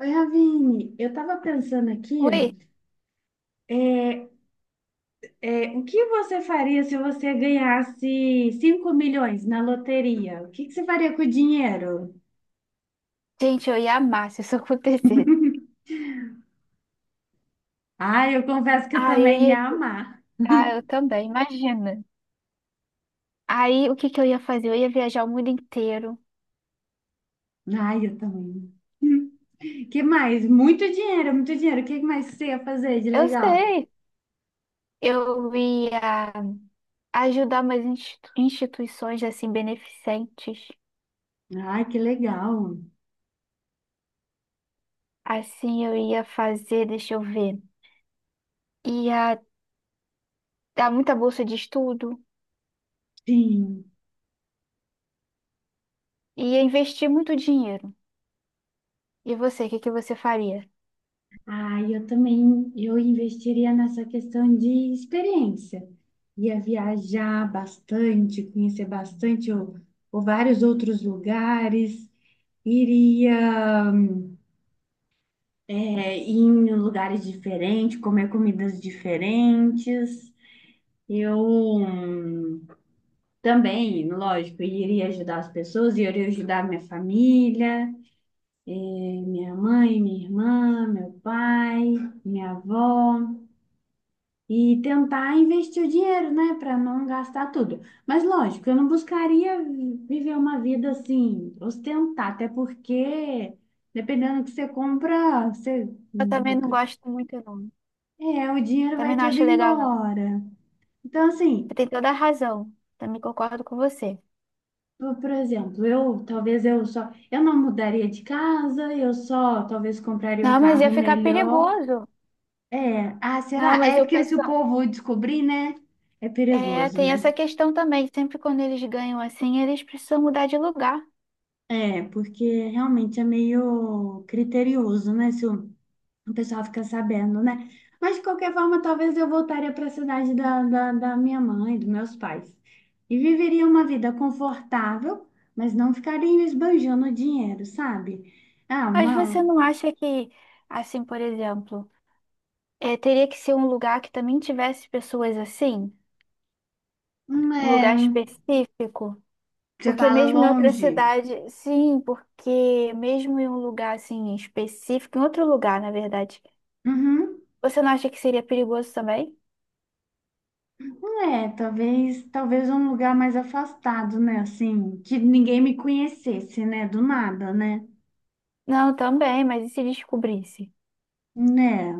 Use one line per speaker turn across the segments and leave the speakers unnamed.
Oi, Ravine, eu estava pensando aqui,
Ui,
é, é, o que você faria se você ganhasse 5 milhões na loteria? O que que você faria com o dinheiro?
gente, eu ia amar se isso acontecesse.
Ah, eu confesso que eu
Ah, eu
também
ia.
ia amar.
Ah, eu também, imagina. Aí, o que que eu ia fazer? Eu ia viajar o mundo inteiro.
Ah, eu também. Hum. Que mais? Muito dinheiro, muito dinheiro. O que mais você ia fazer de
Eu
legal?
sei. Eu ia ajudar umas instituições, assim, beneficentes.
Ai, que legal.
Assim, eu ia fazer, deixa eu ver. Ia dar muita bolsa de estudo.
Sim.
Ia investir muito dinheiro. E você, o que que você faria?
Ah, e eu também, eu investiria nessa questão de experiência. Ia viajar bastante, conhecer bastante ou vários outros lugares, iria é, ir em lugares diferentes, comer comidas diferentes. Eu hum, também, lógico, iria ajudar as pessoas, iria ajudar minha família, minha mãe, minha irmã, meu pai, minha avó. E tentar investir o dinheiro, né, para não gastar tudo. Mas lógico, eu não buscaria viver uma vida assim, ostentar, até porque dependendo do que você compra, você
Eu também não gosto muito, não.
é, o dinheiro vai
Também não
todo
acho legal, não.
embora. Então
Você
assim,
tem toda a razão. Também concordo com você.
por exemplo, eu talvez eu só eu não mudaria de casa, eu só talvez compraria um
Não, mas ia
carro
ficar
melhor.
perigoso.
É, ah,
Não,
será?
mas
É
o
porque se o
pessoal.
povo descobrir, né, é
É,
perigoso,
tem
né?
essa questão também. Sempre quando eles ganham assim, eles precisam mudar de lugar.
É, porque realmente é meio criterioso, né? Se o pessoal fica sabendo, né? Mas de qualquer forma, talvez eu voltaria para a cidade da minha mãe, dos meus pais. E viveria uma vida confortável, mas não ficaria esbanjando dinheiro, sabe? Ah,
Mas você
uma,
não acha que, assim, por exemplo, é, teria que ser um lugar que também tivesse pessoas assim?
um,
Um lugar
é, um-
específico?
Você
Porque
fala
mesmo em outra
longe.
cidade, sim, porque mesmo em um lugar assim específico, em outro lugar, na verdade,
Uhum.
você não acha que seria perigoso também?
É, talvez, talvez um lugar mais afastado, né? Assim, que ninguém me conhecesse, né? Do nada, né?
Não, também, mas e se descobrisse?
Né?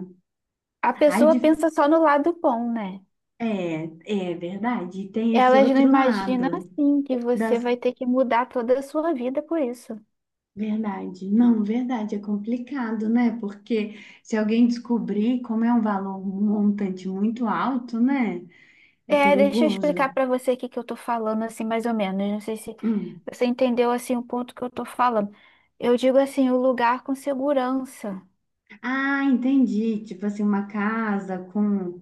A
Ai,
pessoa pensa só no lado bom, né?
É, é verdade. Tem esse
Elas não
outro
imaginam
lado
assim que você
das
vai ter que mudar toda a sua vida por isso.
verdade. Não, verdade, é complicado, né? Porque se alguém descobrir como é um valor um montante muito alto, né? É
É, deixa eu
perigoso.
explicar para você o que que eu tô falando assim mais ou menos. Não sei se
Hum.
você entendeu assim o ponto que eu tô falando. Eu digo assim, o lugar com segurança,
Ah, entendi. Tipo assim, uma casa com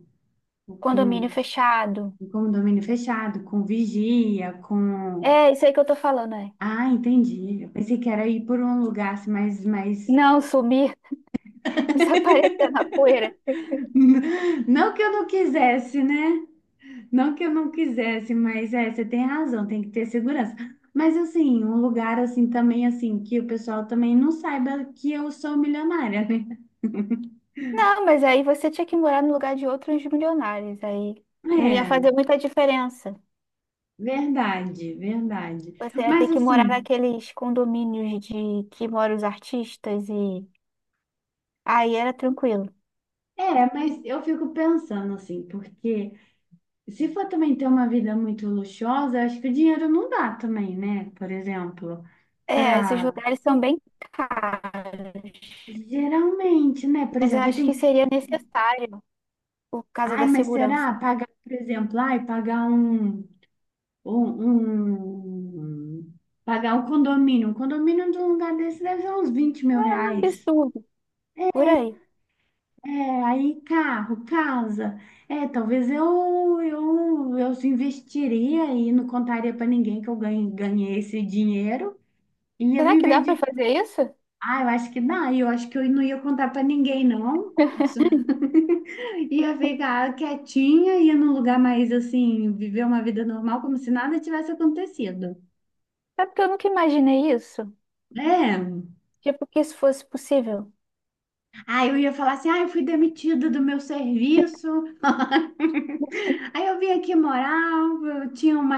condomínio
com
fechado.
um condomínio fechado, com vigia, com
É isso aí que eu tô falando, é.
Ah, entendi. Eu pensei que era ir por um lugar assim, mais
Não sumir, desaparecer na poeira.
não que eu não quisesse, né? Não que eu não quisesse, mas é, você tem razão, tem que ter segurança. Mas assim, um lugar assim também assim que o pessoal também não saiba que eu sou milionária, né?
Não, mas aí você tinha que morar no lugar de outros milionários, aí não ia
É,
fazer muita diferença.
verdade, verdade.
Você ia ter
Mas
que morar
assim,
naqueles condomínios de que moram os artistas e aí era tranquilo.
é, mas eu fico pensando assim, porque se for também ter uma vida muito luxuosa, eu acho que o dinheiro não dá também, né? Por exemplo,
É, esses
para
lugares são bem caros,
geralmente, né? Por
mas eu
exemplo, aí
acho que
tem,
seria necessário por causa
ai,
da
mas será
segurança.
pagar, por exemplo, ai, pagar um Um, um- pagar um condomínio. Um condomínio de um lugar desse deve ser uns 20 mil
Um
reais.
absurdo, por aí.
É, aí carro, casa. É, talvez eu investiria e não contaria para ninguém que eu ganhei esse dinheiro e ia
Será que
viver
dá para
de.
fazer isso?
Ah, eu acho que dá. Eu acho que eu não ia contar para ninguém, não. Nossa. Ia ficar quietinha, ia num lugar mais assim, viver uma vida normal, como se nada tivesse acontecido.
É porque eu nunca imaginei isso?
É.
Tipo, que isso fosse possível.
Aí eu ia falar assim, ah, eu fui demitida do meu serviço, aí eu vim aqui morar, eu tinha uma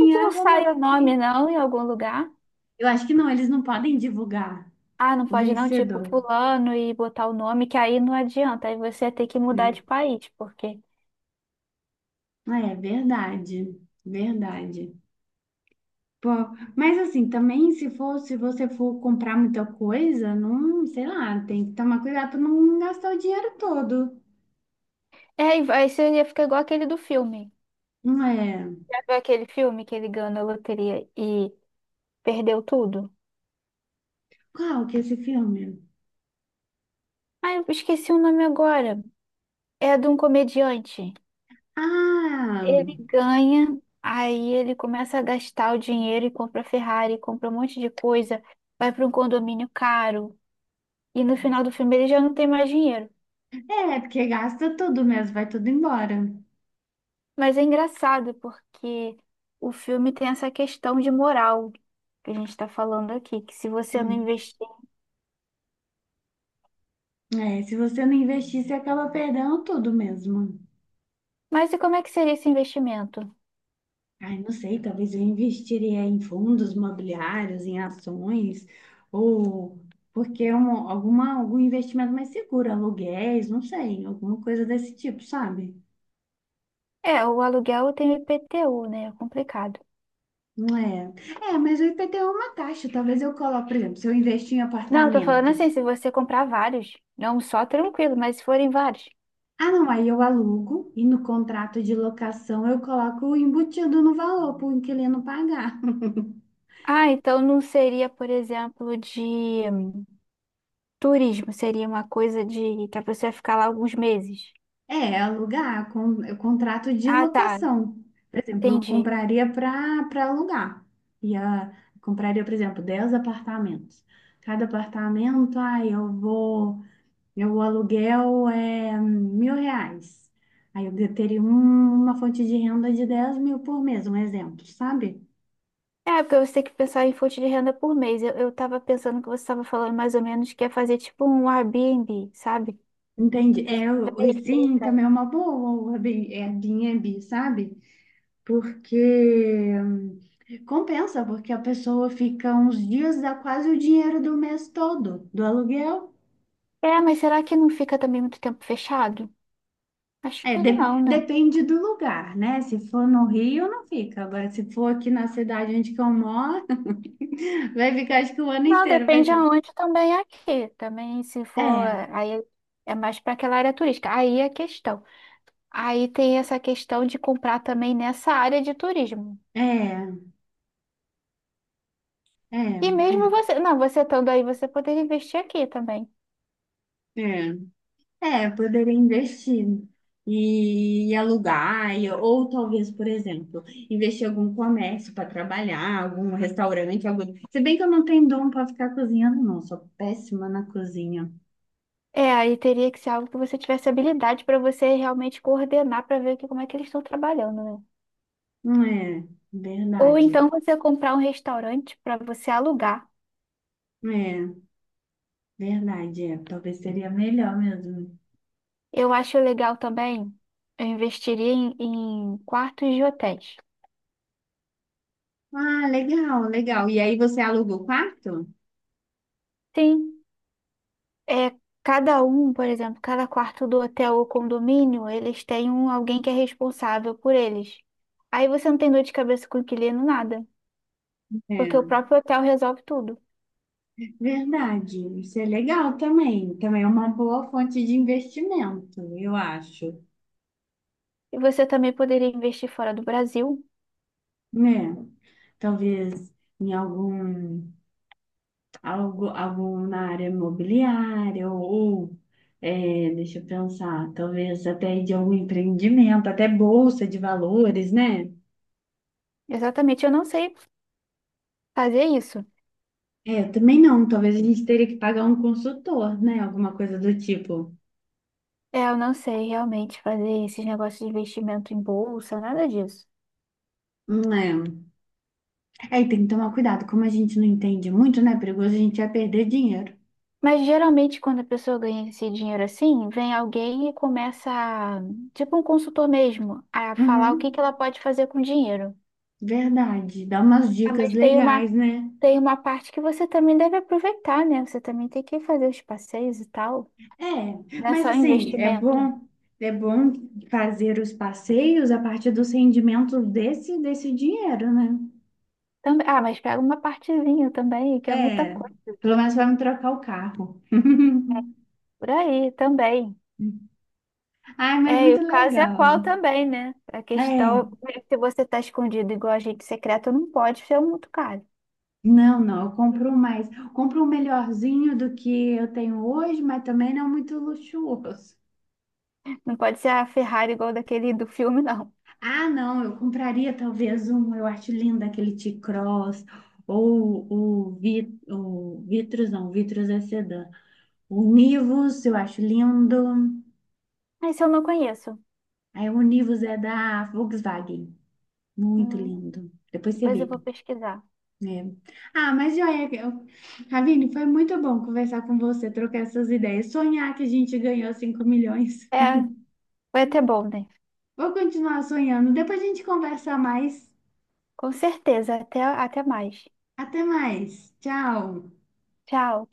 A gente
ah,
não
eu vou
sai
morar
o nome,
aqui.
não, em algum lugar.
Eu acho que não, eles não podem divulgar
Ah, não
o
pode não, tipo,
vencedor.
fulano e botar o nome, que aí não adianta. Aí você ia ter que
É,
mudar de país, porque
Ah, é verdade, verdade. Pô, mas assim, também se for, se você for comprar muita coisa, não, sei lá, tem que tomar cuidado para não gastar o dinheiro todo.
é, e isso ia ficar igual aquele do filme.
Não é?
Já viu aquele filme que ele ganhou na loteria e perdeu tudo?
Qual que é esse filme?
Ah, eu esqueci o nome agora. É de um comediante.
Ah!
Ele ganha, aí ele começa a gastar o dinheiro e compra Ferrari, compra um monte de coisa, vai para um condomínio caro. E no final do filme ele já não tem mais dinheiro.
É, porque gasta tudo mesmo, vai tudo embora.
Mas é engraçado porque o filme tem essa questão de moral que a gente está falando aqui, que se você não
Hum.
investir.
É, se você não investir, você acaba perdendo tudo mesmo.
Mas e como é que seria esse investimento?
Ai, não sei, talvez eu investiria em fundos imobiliários, em ações, ou porque é um, alguma, algum investimento mais seguro, aluguéis, não sei, alguma coisa desse tipo, sabe?
É, o aluguel tem o IPTU, né? É complicado.
Não é. É, mas o IPTU é uma taxa, talvez eu coloque, por exemplo, se eu investir em
Não, eu tô falando
apartamentos.
assim, se você comprar vários, não só tranquilo, mas se forem vários.
Ah, não, aí eu alugo e no contrato de locação eu coloco embutido no valor para o inquilino pagar.
Ah, então não seria, por exemplo, de turismo, seria uma coisa de pra pessoa ficar lá alguns meses.
É, alugar, con, é contrato de
Ah, tá,
locação. Por exemplo, eu
entendi.
compraria para alugar. E a, compraria, por exemplo, 10 apartamentos. Cada apartamento, aí eu vou, meu aluguel é 1.000 reais. Aí eu teria um- uma fonte de renda de 10 mil por mês, um exemplo, sabe?
É, porque você tem que pensar em fonte de renda por mês. Eu tava pensando que você estava falando mais ou menos que é fazer tipo um Airbnb, sabe? A
Entendi. É,
pessoa
o-
também
sim,
fica.
também é uma boa o Airbnb, sabe? Porque compensa, porque a pessoa fica uns dias, dá quase o dinheiro do mês todo do aluguel.
É, mas será que não fica também muito tempo fechado? Acho
É,
que não,
de-
né?
depende do lugar, né? Se for no Rio, não fica. Agora, se for aqui na cidade onde que eu moro, vai ficar acho que o ano
Não,
inteiro, vai
depende
ser.
aonde também é aqui. Também se for,
É,
aí é mais para aquela área turística. Aí é a questão. Aí tem essa questão de comprar também nessa área de turismo.
é, é,
E mesmo
é,
você, não, você estando aí, você poderia investir aqui também.
é. É, poderia investir e alugar, e- ou talvez, por exemplo, investir em algum comércio para trabalhar, algum restaurante, algo. Se bem que eu não tenho dom para ficar cozinhando, não, sou péssima na cozinha.
É, aí teria que ser algo que você tivesse habilidade para você realmente coordenar para ver que, como é que eles estão trabalhando, né?
Não É,
Ou
verdade.
então você comprar um restaurante para você alugar.
É, verdade, é. Talvez seria melhor mesmo.
Eu acho legal também, eu investiria em quartos de hotéis.
Ah, legal, legal. E aí você aluga o quarto?
Sim. É, cada um, por exemplo, cada quarto do hotel ou condomínio, eles têm um, alguém que é responsável por eles. Aí você não tem dor de cabeça com o inquilino, nada, porque o
É,
próprio hotel resolve tudo.
verdade. Isso é legal também. Também é uma boa fonte de investimento, eu acho.
E você também poderia investir fora do Brasil.
É. Talvez em algum, algo, algum na área imobiliária ou, é, deixa eu pensar, talvez até de algum empreendimento, até bolsa de valores, né?
Exatamente, eu não sei fazer isso.
É, eu também não, talvez a gente teria que pagar um consultor, né? Alguma coisa do tipo.
É, eu não sei realmente fazer esses negócios de investimento em bolsa, nada disso.
Não É. Aí tem que tomar cuidado, como a gente não entende muito, né? É perigoso, a gente vai perder dinheiro.
Mas geralmente quando a pessoa ganha esse dinheiro assim, vem alguém e começa, a- tipo um consultor mesmo, a falar o que que
Uhum,
ela pode fazer com o dinheiro.
verdade. Dá umas
Ah,
dicas
mas
legais, né?
tem uma parte que você também deve aproveitar, né? Você também tem que fazer os passeios e tal.
É,
Não é
mas
só
assim,
investimento.
é bom fazer os passeios a partir dos rendimentos desse dinheiro, né?
Também, ah, mas pega uma partezinha também, que é muita
É,
coisa
pelo menos vai me trocar o carro.
por aí também.
Ai, mas
É, e
muito
o caso é qual
legal.
também, né? A
É,
questão é que se você tá escondido igual agente secreto, não pode ser muito caro.
não, eu compro mais. Compro um melhorzinho do que eu tenho hoje, mas também não é muito luxuoso.
Não pode ser a Ferrari igual daquele do filme, não.
Ah, não, eu compraria talvez um, eu acho lindo aquele T-Cross, ou o, Vit, o Vitrus, não, o Vitrus é sedã. O Nivus, eu acho lindo.
Esse eu não conheço.
Aí o Nivus é da Volkswagen. Muito
Hum,
lindo. Depois você
depois eu
vê.
vou pesquisar.
É. Ah, mas joia, eu- Ravine, foi muito bom conversar com você, trocar essas ideias. Sonhar que a gente ganhou 5 milhões.
É, foi até bom, né?
Vou continuar sonhando. Depois a gente conversa mais.
Com certeza. Até, até mais.
Até mais. Tchau.
Tchau.